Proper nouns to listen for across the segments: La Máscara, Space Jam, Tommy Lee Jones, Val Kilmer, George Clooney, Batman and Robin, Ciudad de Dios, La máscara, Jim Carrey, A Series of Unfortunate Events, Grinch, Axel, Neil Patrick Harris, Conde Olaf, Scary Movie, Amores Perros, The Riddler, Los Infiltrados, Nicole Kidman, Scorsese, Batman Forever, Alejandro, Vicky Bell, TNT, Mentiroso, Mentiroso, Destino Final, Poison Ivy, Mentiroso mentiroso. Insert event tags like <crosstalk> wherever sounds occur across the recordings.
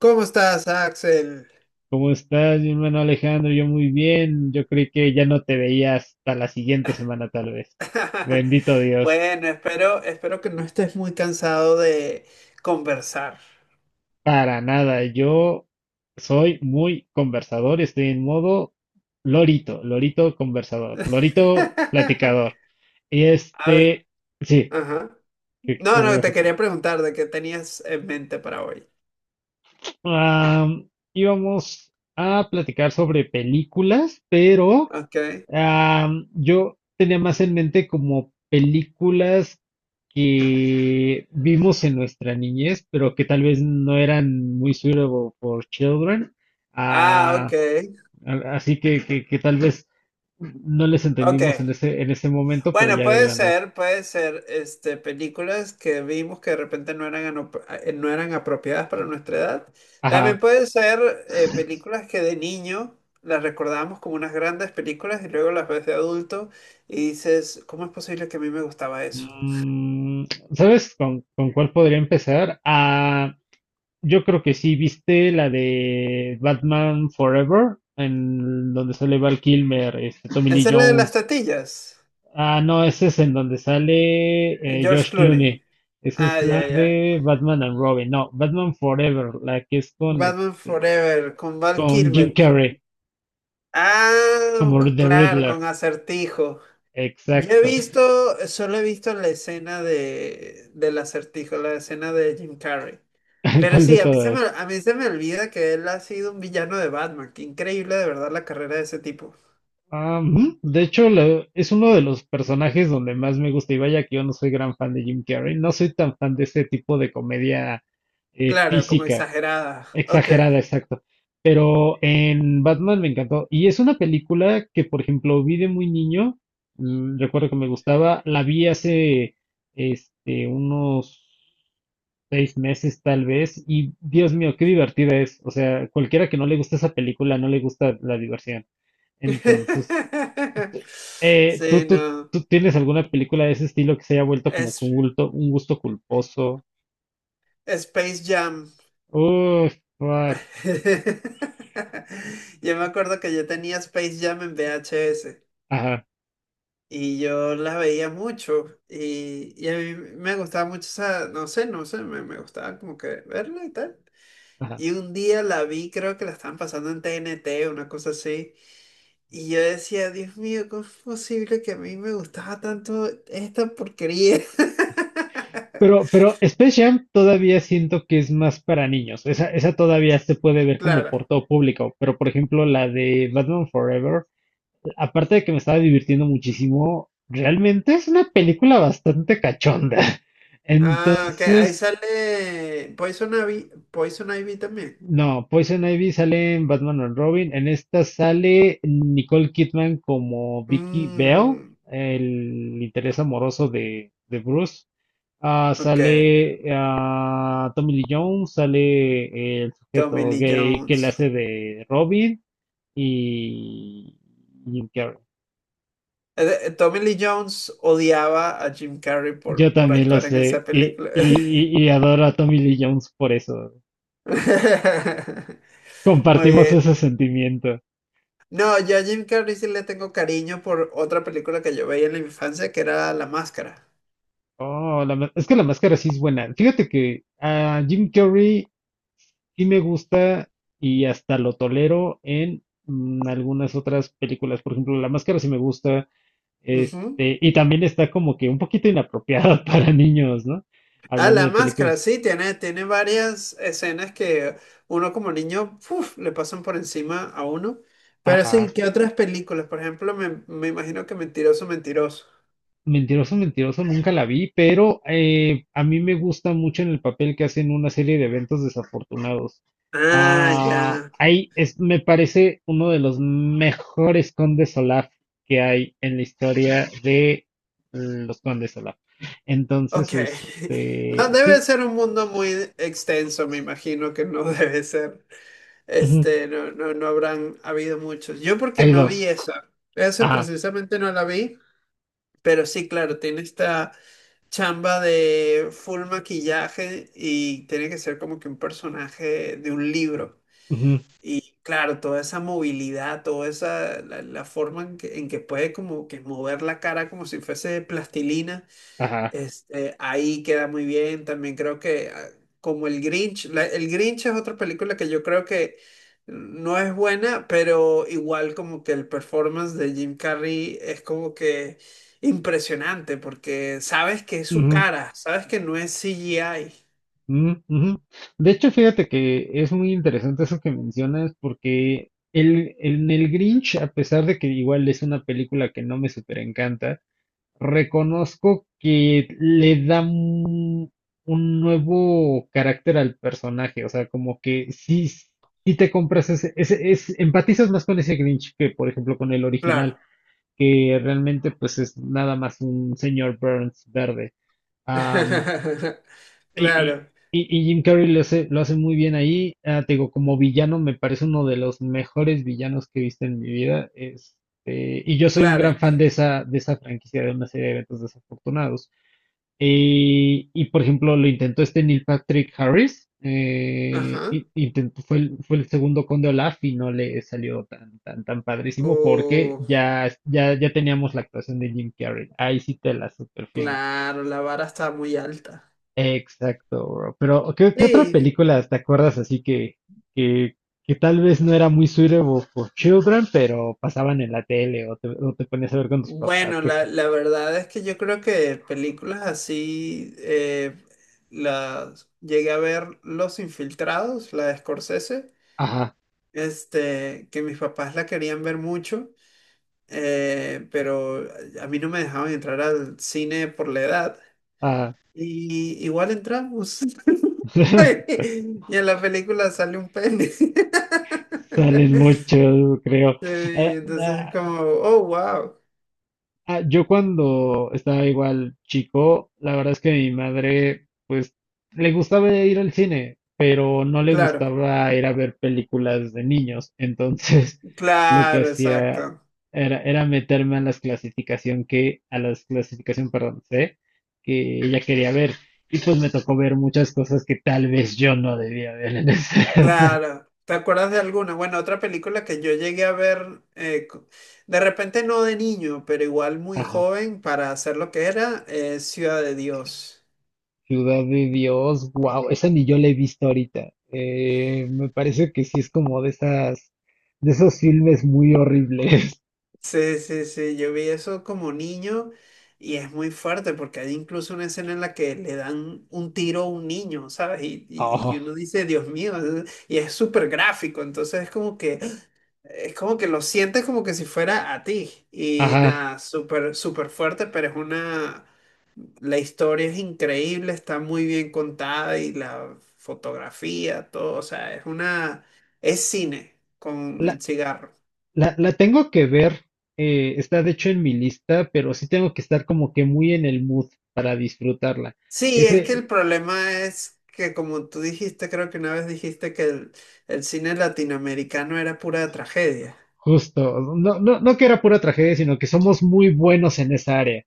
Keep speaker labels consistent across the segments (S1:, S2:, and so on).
S1: ¿Cómo estás, Axel?
S2: ¿Cómo estás, mi hermano Alejandro? Yo muy bien. Yo creí que ya no te veía hasta la siguiente semana, tal vez.
S1: <laughs>
S2: Bendito Dios.
S1: Bueno, espero que no estés muy cansado de conversar.
S2: Para nada. Yo soy muy conversador. Estoy en modo lorito, lorito conversador, lorito
S1: <laughs>
S2: platicador. Y
S1: A ver,
S2: este, sí,
S1: ajá.
S2: ¿qué
S1: No,
S2: me
S1: no,
S2: ibas
S1: te
S2: a
S1: quería
S2: preguntar?
S1: preguntar de qué tenías en mente para hoy.
S2: Am, Íbamos a platicar sobre películas, pero
S1: Ok.
S2: Yo tenía más en mente como películas que vimos en nuestra niñez, pero que tal vez no eran muy suitable for children.
S1: Ah, ok.
S2: Ah, así que tal vez no les
S1: Ok.
S2: entendimos en ese momento, pero
S1: Bueno,
S2: ya de
S1: puede
S2: grandes.
S1: ser, puede ser, este, películas que vimos que de repente no eran, no eran apropiadas para nuestra edad. También
S2: Ajá.
S1: puede ser películas que de niño las recordábamos como unas grandes películas y luego las ves de adulto y dices, ¿cómo es posible que a mí me gustaba eso?
S2: Mm, ¿Sabes con cuál podría empezar? Ah, yo creo que sí. ¿Viste la de Batman Forever? En donde sale Val Kilmer, este, Tommy Lee
S1: Esa es la de las
S2: Jones.
S1: tatillas,
S2: Ah, no, ese es en donde sale
S1: George
S2: George
S1: Clooney.
S2: Clooney. Esa
S1: Ah,
S2: es
S1: ya,
S2: la
S1: ya.
S2: de Batman and Robin. No, Batman Forever, la que es con,
S1: Batman
S2: este,
S1: Forever, con Val
S2: con Jim
S1: Kilmer.
S2: Carrey,
S1: Ah,
S2: como The
S1: claro, con
S2: Riddler.
S1: Acertijo. Yo he
S2: Exacto.
S1: visto, solo he visto la escena de, del acertijo, la escena de Jim Carrey.
S2: <laughs>
S1: Pero
S2: ¿Cuál de
S1: sí,
S2: todas?
S1: a mí se me olvida que él ha sido un villano de Batman. Qué increíble de verdad la carrera de ese tipo.
S2: Ah, de hecho, es uno de los personajes donde más me gusta. Y vaya que yo no soy gran fan de Jim Carrey. No soy tan fan de ese tipo de comedia
S1: Claro, como
S2: física,
S1: exagerada. Ok.
S2: exagerada, exacto. Pero en Batman me encantó. Y es una película que, por ejemplo, vi de muy niño. Recuerdo que me gustaba. La vi hace unos 6 meses tal vez. Y Dios mío, qué divertida es. O sea, cualquiera que no le gusta esa película no le gusta la diversión. Entonces,
S1: <laughs>
S2: ¿tú,
S1: Sí,
S2: tú,
S1: no.
S2: tú tienes alguna película de ese estilo que se haya vuelto como con
S1: Es
S2: un gusto culposo?
S1: Space Jam.
S2: Uh, Fuck.
S1: <laughs> Yo me acuerdo que yo tenía Space Jam en VHS.
S2: Ajá,
S1: Y yo las veía mucho y a mí me gustaba mucho esa, no sé, me gustaba como que verla y tal.
S2: ajá.
S1: Y un día la vi, creo que la estaban pasando en TNT, una cosa así. Y yo decía, Dios mío, ¿cómo es posible que a mí me gustaba tanto esta porquería? <laughs>
S2: Pero Space Jam todavía siento que es más para niños. Esa todavía se puede ver como
S1: Claro.
S2: por todo público. Pero, por ejemplo, la de Batman Forever, aparte de que me estaba divirtiendo muchísimo, realmente es una película bastante cachonda. <laughs>
S1: Ah, que ahí
S2: Entonces,
S1: sale Poison Ivy, Poison Ivy también.
S2: no, Poison Ivy sale en Batman and Robin. En esta sale Nicole Kidman como Vicky Bell,
S1: Mm,
S2: el interés amoroso de Bruce. Ah,
S1: ok,
S2: sale Tommy Lee Jones, sale el
S1: Tommy
S2: sujeto
S1: Lee
S2: gay que le
S1: Jones.
S2: hace de Robin y Jim Carrey.
S1: Tommy Lee Jones odiaba a Jim Carrey
S2: Yo
S1: por
S2: también lo
S1: actuar en esa
S2: sé y,
S1: película.
S2: y, y y adoro a Tommy Lee Jones por eso.
S1: <laughs> Muy
S2: Compartimos
S1: bien.
S2: ese sentimiento.
S1: No, yo a Jim Carrey sí le tengo cariño por otra película que yo veía en la infancia que era La Máscara.
S2: Oh, es que la máscara sí es buena. Fíjate que a Jim Carrey sí me gusta y hasta lo tolero en algunas otras películas. Por ejemplo, la máscara sí me gusta.
S1: Ujú.
S2: Y también está como que un poquito inapropiada <laughs> para niños, ¿no?
S1: Ah,
S2: Hablando
S1: La
S2: de películas.
S1: Máscara, sí, tiene varias escenas que uno como niño uf, le pasan por encima a uno. Pero
S2: Ajá.
S1: sí, ¿qué otras películas? Por ejemplo, me imagino que Mentiroso, Mentiroso.
S2: Mentiroso, mentiroso, nunca la vi, pero a mí me gusta mucho en el papel que hacen una serie de eventos desafortunados.
S1: Ah,
S2: Ah,
S1: ya.
S2: ahí es, me parece uno de los mejores condes Olaf que hay en la historia de los condes Olaf.
S1: Ok.
S2: Entonces,
S1: <laughs> No debe
S2: sí,
S1: ser un mundo muy extenso, me imagino que no <laughs> debe ser.
S2: ujú,
S1: No, no, no habrán habido muchos. Yo porque
S2: hay
S1: no vi
S2: dos.
S1: esa. Esa
S2: Ajá,
S1: precisamente no la vi, pero sí, claro, tiene esta chamba de full maquillaje y tiene que ser como que un personaje de un libro.
S2: ujú,
S1: Claro, toda esa movilidad, la forma en que puede como que mover la cara como si fuese plastilina.
S2: ajá,
S1: Ahí queda muy bien. También creo que como el Grinch, el Grinch es otra película que yo creo que no es buena, pero igual como que el performance de Jim Carrey es como que impresionante porque sabes que es su
S2: ujú.
S1: cara, sabes que no es CGI.
S2: Mm, ujú. De hecho, fíjate que es muy interesante eso que mencionas, porque en el Grinch, a pesar de que igual es una película que no me super encanta, reconozco que le da un nuevo carácter al personaje. O sea, como que sí, sí te compras empatizas más con ese Grinch que, por ejemplo, con el original,
S1: Claro.
S2: que realmente pues es nada más un señor Burns verde.
S1: <laughs>
S2: Y, y-
S1: Claro,
S2: y Jim Carrey lo hace muy bien ahí. Ah, te digo, como villano me parece uno de los mejores villanos que he visto en mi vida. Y yo soy un
S1: claro.
S2: gran
S1: Es que...
S2: fan de esa, franquicia, de una serie de eventos desafortunados. Y por ejemplo, lo intentó este Neil Patrick Harris.
S1: Ajá.
S2: Intentó, fue el segundo Conde Olaf y no le salió tan, tan, tan padrísimo porque
S1: Oh,
S2: ya, ya, ya teníamos la actuación de Jim Carrey. Ahí sí te la superfirmo.
S1: claro, la vara está muy alta.
S2: Exacto, bro. Pero, ¿qué otra
S1: Sí.
S2: película te acuerdas así que, que tal vez no era muy suitable for children, pero pasaban en la tele o te ponías a ver con tus papás?
S1: Bueno,
S2: cosas-
S1: la verdad es que yo creo que películas así las llegué a ver Los Infiltrados, la de Scorsese,
S2: ajá,
S1: este, que mis papás la querían ver mucho, pero a mí no me dejaban entrar al cine por la edad.
S2: ah,
S1: Y igual entramos. <laughs>
S2: <laughs>
S1: Y en la película sale un pene. <laughs>
S2: Salen mucho, creo.
S1: Sí, y
S2: Eh,
S1: entonces es
S2: ah,
S1: como, oh, wow.
S2: Yo cuando estaba igual chico, la verdad es que mi madre, pues, le gustaba ir al cine, pero no le
S1: Claro,
S2: gustaba ir a ver películas de niños. Entonces, <laughs> lo que
S1: claro,
S2: hacía
S1: exacto.
S2: era meterme a las clasificación a las clasificación, perdón, C, que ella quería ver. Y pues me tocó ver muchas cosas que tal vez yo no debía ver en esa <laughs> edad.
S1: Claro, ¿te acuerdas de alguna? Bueno, otra película que yo llegué a ver, de repente no de niño, pero igual muy
S2: Ajá.
S1: joven para hacer lo que era, Ciudad de Dios.
S2: Ciudad de Dios, wow, esa ni yo la he visto ahorita. Me parece que sí es como de esos filmes muy horribles. <laughs>
S1: Sí, sí, sí, yo vi eso como niño y es muy fuerte porque hay incluso una escena en la que le dan un tiro a un niño, ¿sabes? Y
S2: Oh,
S1: uno dice, Dios mío, y es súper gráfico, entonces es como que lo sientes como que si fuera a ti y
S2: ajá.
S1: nada, súper, súper fuerte, pero es una... La historia es increíble, está muy bien contada y la fotografía, todo, o sea, es cine con
S2: La,
S1: el cigarro.
S2: la tengo que ver. Está de hecho en mi lista, pero sí tengo que estar como que muy en el mood para disfrutarla.
S1: Sí, es que el
S2: Ese,
S1: problema es que como tú dijiste, creo que una vez dijiste que el cine latinoamericano era pura tragedia.
S2: justo, no, no, no que era pura tragedia, sino que somos muy buenos en esa área.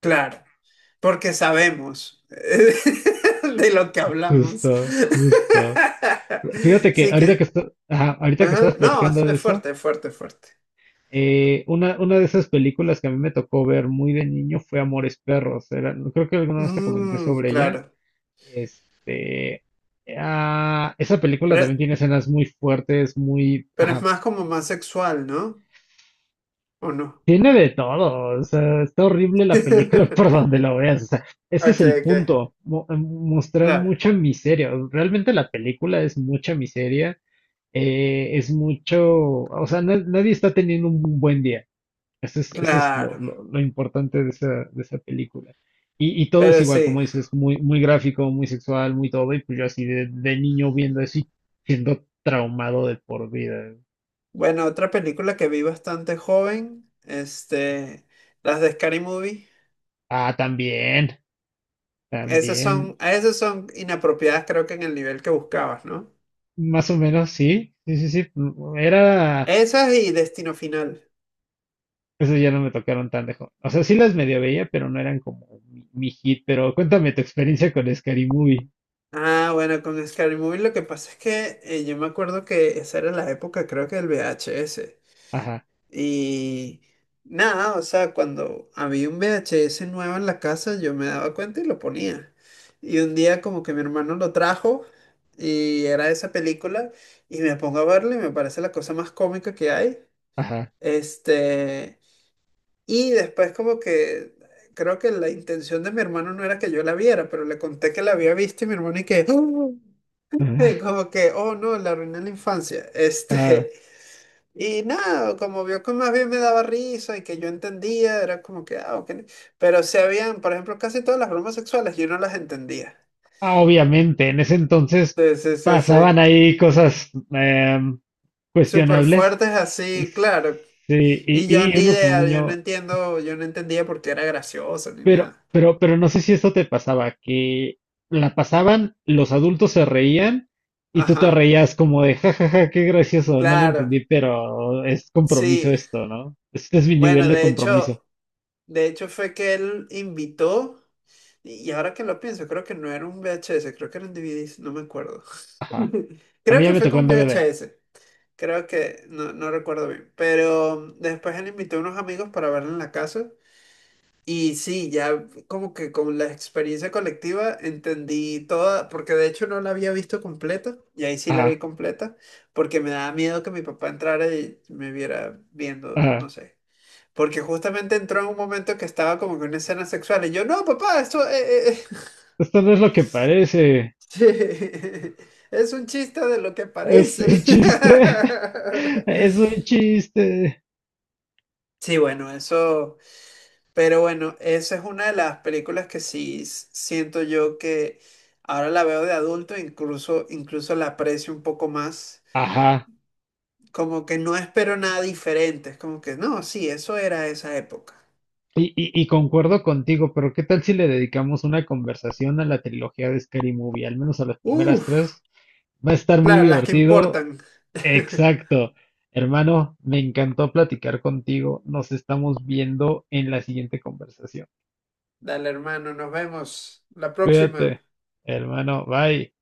S1: Claro, porque sabemos <laughs> de lo que hablamos.
S2: Justo,
S1: <laughs>
S2: justo. Fíjate que
S1: Sí
S2: ahorita que
S1: que,
S2: ajá, ahorita que
S1: ajá.
S2: estabas
S1: No,
S2: platicando de
S1: es
S2: eso.
S1: fuerte, es fuerte, es fuerte.
S2: Una de esas películas que a mí me tocó ver muy de niño fue Amores Perros. Creo que alguna vez te comenté
S1: Mm,
S2: sobre ella.
S1: claro.
S2: Este, Esa película
S1: Pero
S2: también tiene escenas muy fuertes,
S1: Pero es
S2: ajá,
S1: más como más sexual, ¿no? ¿O no?
S2: tiene de todo. O sea, está horrible la película <laughs> por
S1: <laughs>
S2: donde la veas. O sea, ese es
S1: Ok,
S2: el
S1: ok.
S2: punto, mostrar
S1: Claro,
S2: mucha miseria. Realmente la película es mucha miseria. Es mucho, o sea, nadie está teniendo un buen día. Eso es lo,
S1: claro.
S2: lo- lo importante de esa, película. Y todo es
S1: Pero
S2: igual, como
S1: sí.
S2: dices, muy, muy gráfico, muy sexual, muy todo. Y pues yo así de niño viendo eso y siendo traumado de por vida.
S1: Bueno, otra película que vi bastante joven, este, las de Scary Movie.
S2: Ah, también, también,
S1: Esas son inapropiadas, creo que en el nivel que buscabas, ¿no?
S2: más o menos, sí, sí, sí, sí.
S1: Esas y Destino Final.
S2: Eso ya no me tocaron tan de joven. O sea, sí las medio veía, pero no eran como mi hit. Pero cuéntame tu experiencia con Scary Movie.
S1: Ah, bueno, con Scary Movie lo que pasa es que yo me acuerdo que esa era la época, creo que del VHS. Y nada, o sea, cuando había un VHS nuevo en la casa, yo me daba cuenta y lo ponía. Y un día como que mi hermano lo trajo y era esa película y me pongo a verla y me parece la cosa más cómica que hay.
S2: Ajá,
S1: Este, y después como que creo que la intención de mi hermano no era que yo la viera, pero le conté que la había visto y mi hermano y que, "Oh",
S2: ajá.
S1: <laughs> como que, oh no, la arruiné la infancia. <laughs>
S2: <laughs> Ajá.
S1: Y nada, como vio que más bien me daba risa y que yo entendía, era como que, ah, ok. ¿No? Pero se habían, por ejemplo, casi todas las bromas sexuales yo no las entendía.
S2: Ah, obviamente, en ese entonces
S1: Sí, sí, sí, sí.
S2: pasaban ahí cosas
S1: Súper
S2: cuestionables.
S1: fuertes así, claro.
S2: Sí,
S1: Y yo
S2: y
S1: ni
S2: uno como
S1: idea,
S2: niño,
S1: yo no entendía por qué era gracioso ni
S2: pero,
S1: nada.
S2: pero, pero no sé si esto te pasaba, que la pasaban, los adultos se reían y tú te
S1: Ajá,
S2: reías como de jajaja, qué gracioso, no le
S1: claro,
S2: entendí, pero es compromiso
S1: sí.
S2: esto, ¿no? Este es mi nivel
S1: Bueno,
S2: de compromiso.
S1: de hecho fue que él invitó, y ahora que lo pienso, creo que no era un VHS, creo que era un DVD, no me acuerdo.
S2: Ajá.
S1: <laughs>
S2: A mí
S1: Creo
S2: ya
S1: que
S2: me
S1: fue
S2: tocó
S1: con
S2: en DVD.
S1: VHS. Creo que no, no recuerdo bien. Pero después él invitó a unos amigos para verlo en la casa. Y sí, ya como que con la experiencia colectiva entendí toda, porque de hecho no la había visto completa, y ahí sí la vi
S2: Ajá,
S1: completa, porque me daba miedo que mi papá entrara y me viera viendo, no
S2: ajá.
S1: sé. Porque justamente entró en un momento que estaba como que una escena sexual, y yo, no, papá, esto
S2: Esto no es lo que parece.
S1: <laughs> eh, es un chiste de lo que
S2: Es un
S1: parece.
S2: chiste,
S1: <laughs>
S2: <laughs> es un chiste.
S1: Sí, bueno, eso. Pero bueno, esa es una de las películas que sí siento yo que ahora la veo de adulto, incluso la aprecio un poco más.
S2: Ajá.
S1: Como que no espero nada diferente. Es como que no, sí, eso era esa época.
S2: Y concuerdo contigo, pero ¿qué tal si le dedicamos una conversación a la trilogía de Scary Movie? Al menos a las primeras
S1: Uf,
S2: tres. Va a estar muy
S1: claro, las que
S2: divertido.
S1: importan. <laughs>
S2: Exacto. Hermano, me encantó platicar contigo. Nos estamos viendo en la siguiente conversación.
S1: Dale, hermano, nos vemos la próxima.
S2: Cuídate, hermano. Bye.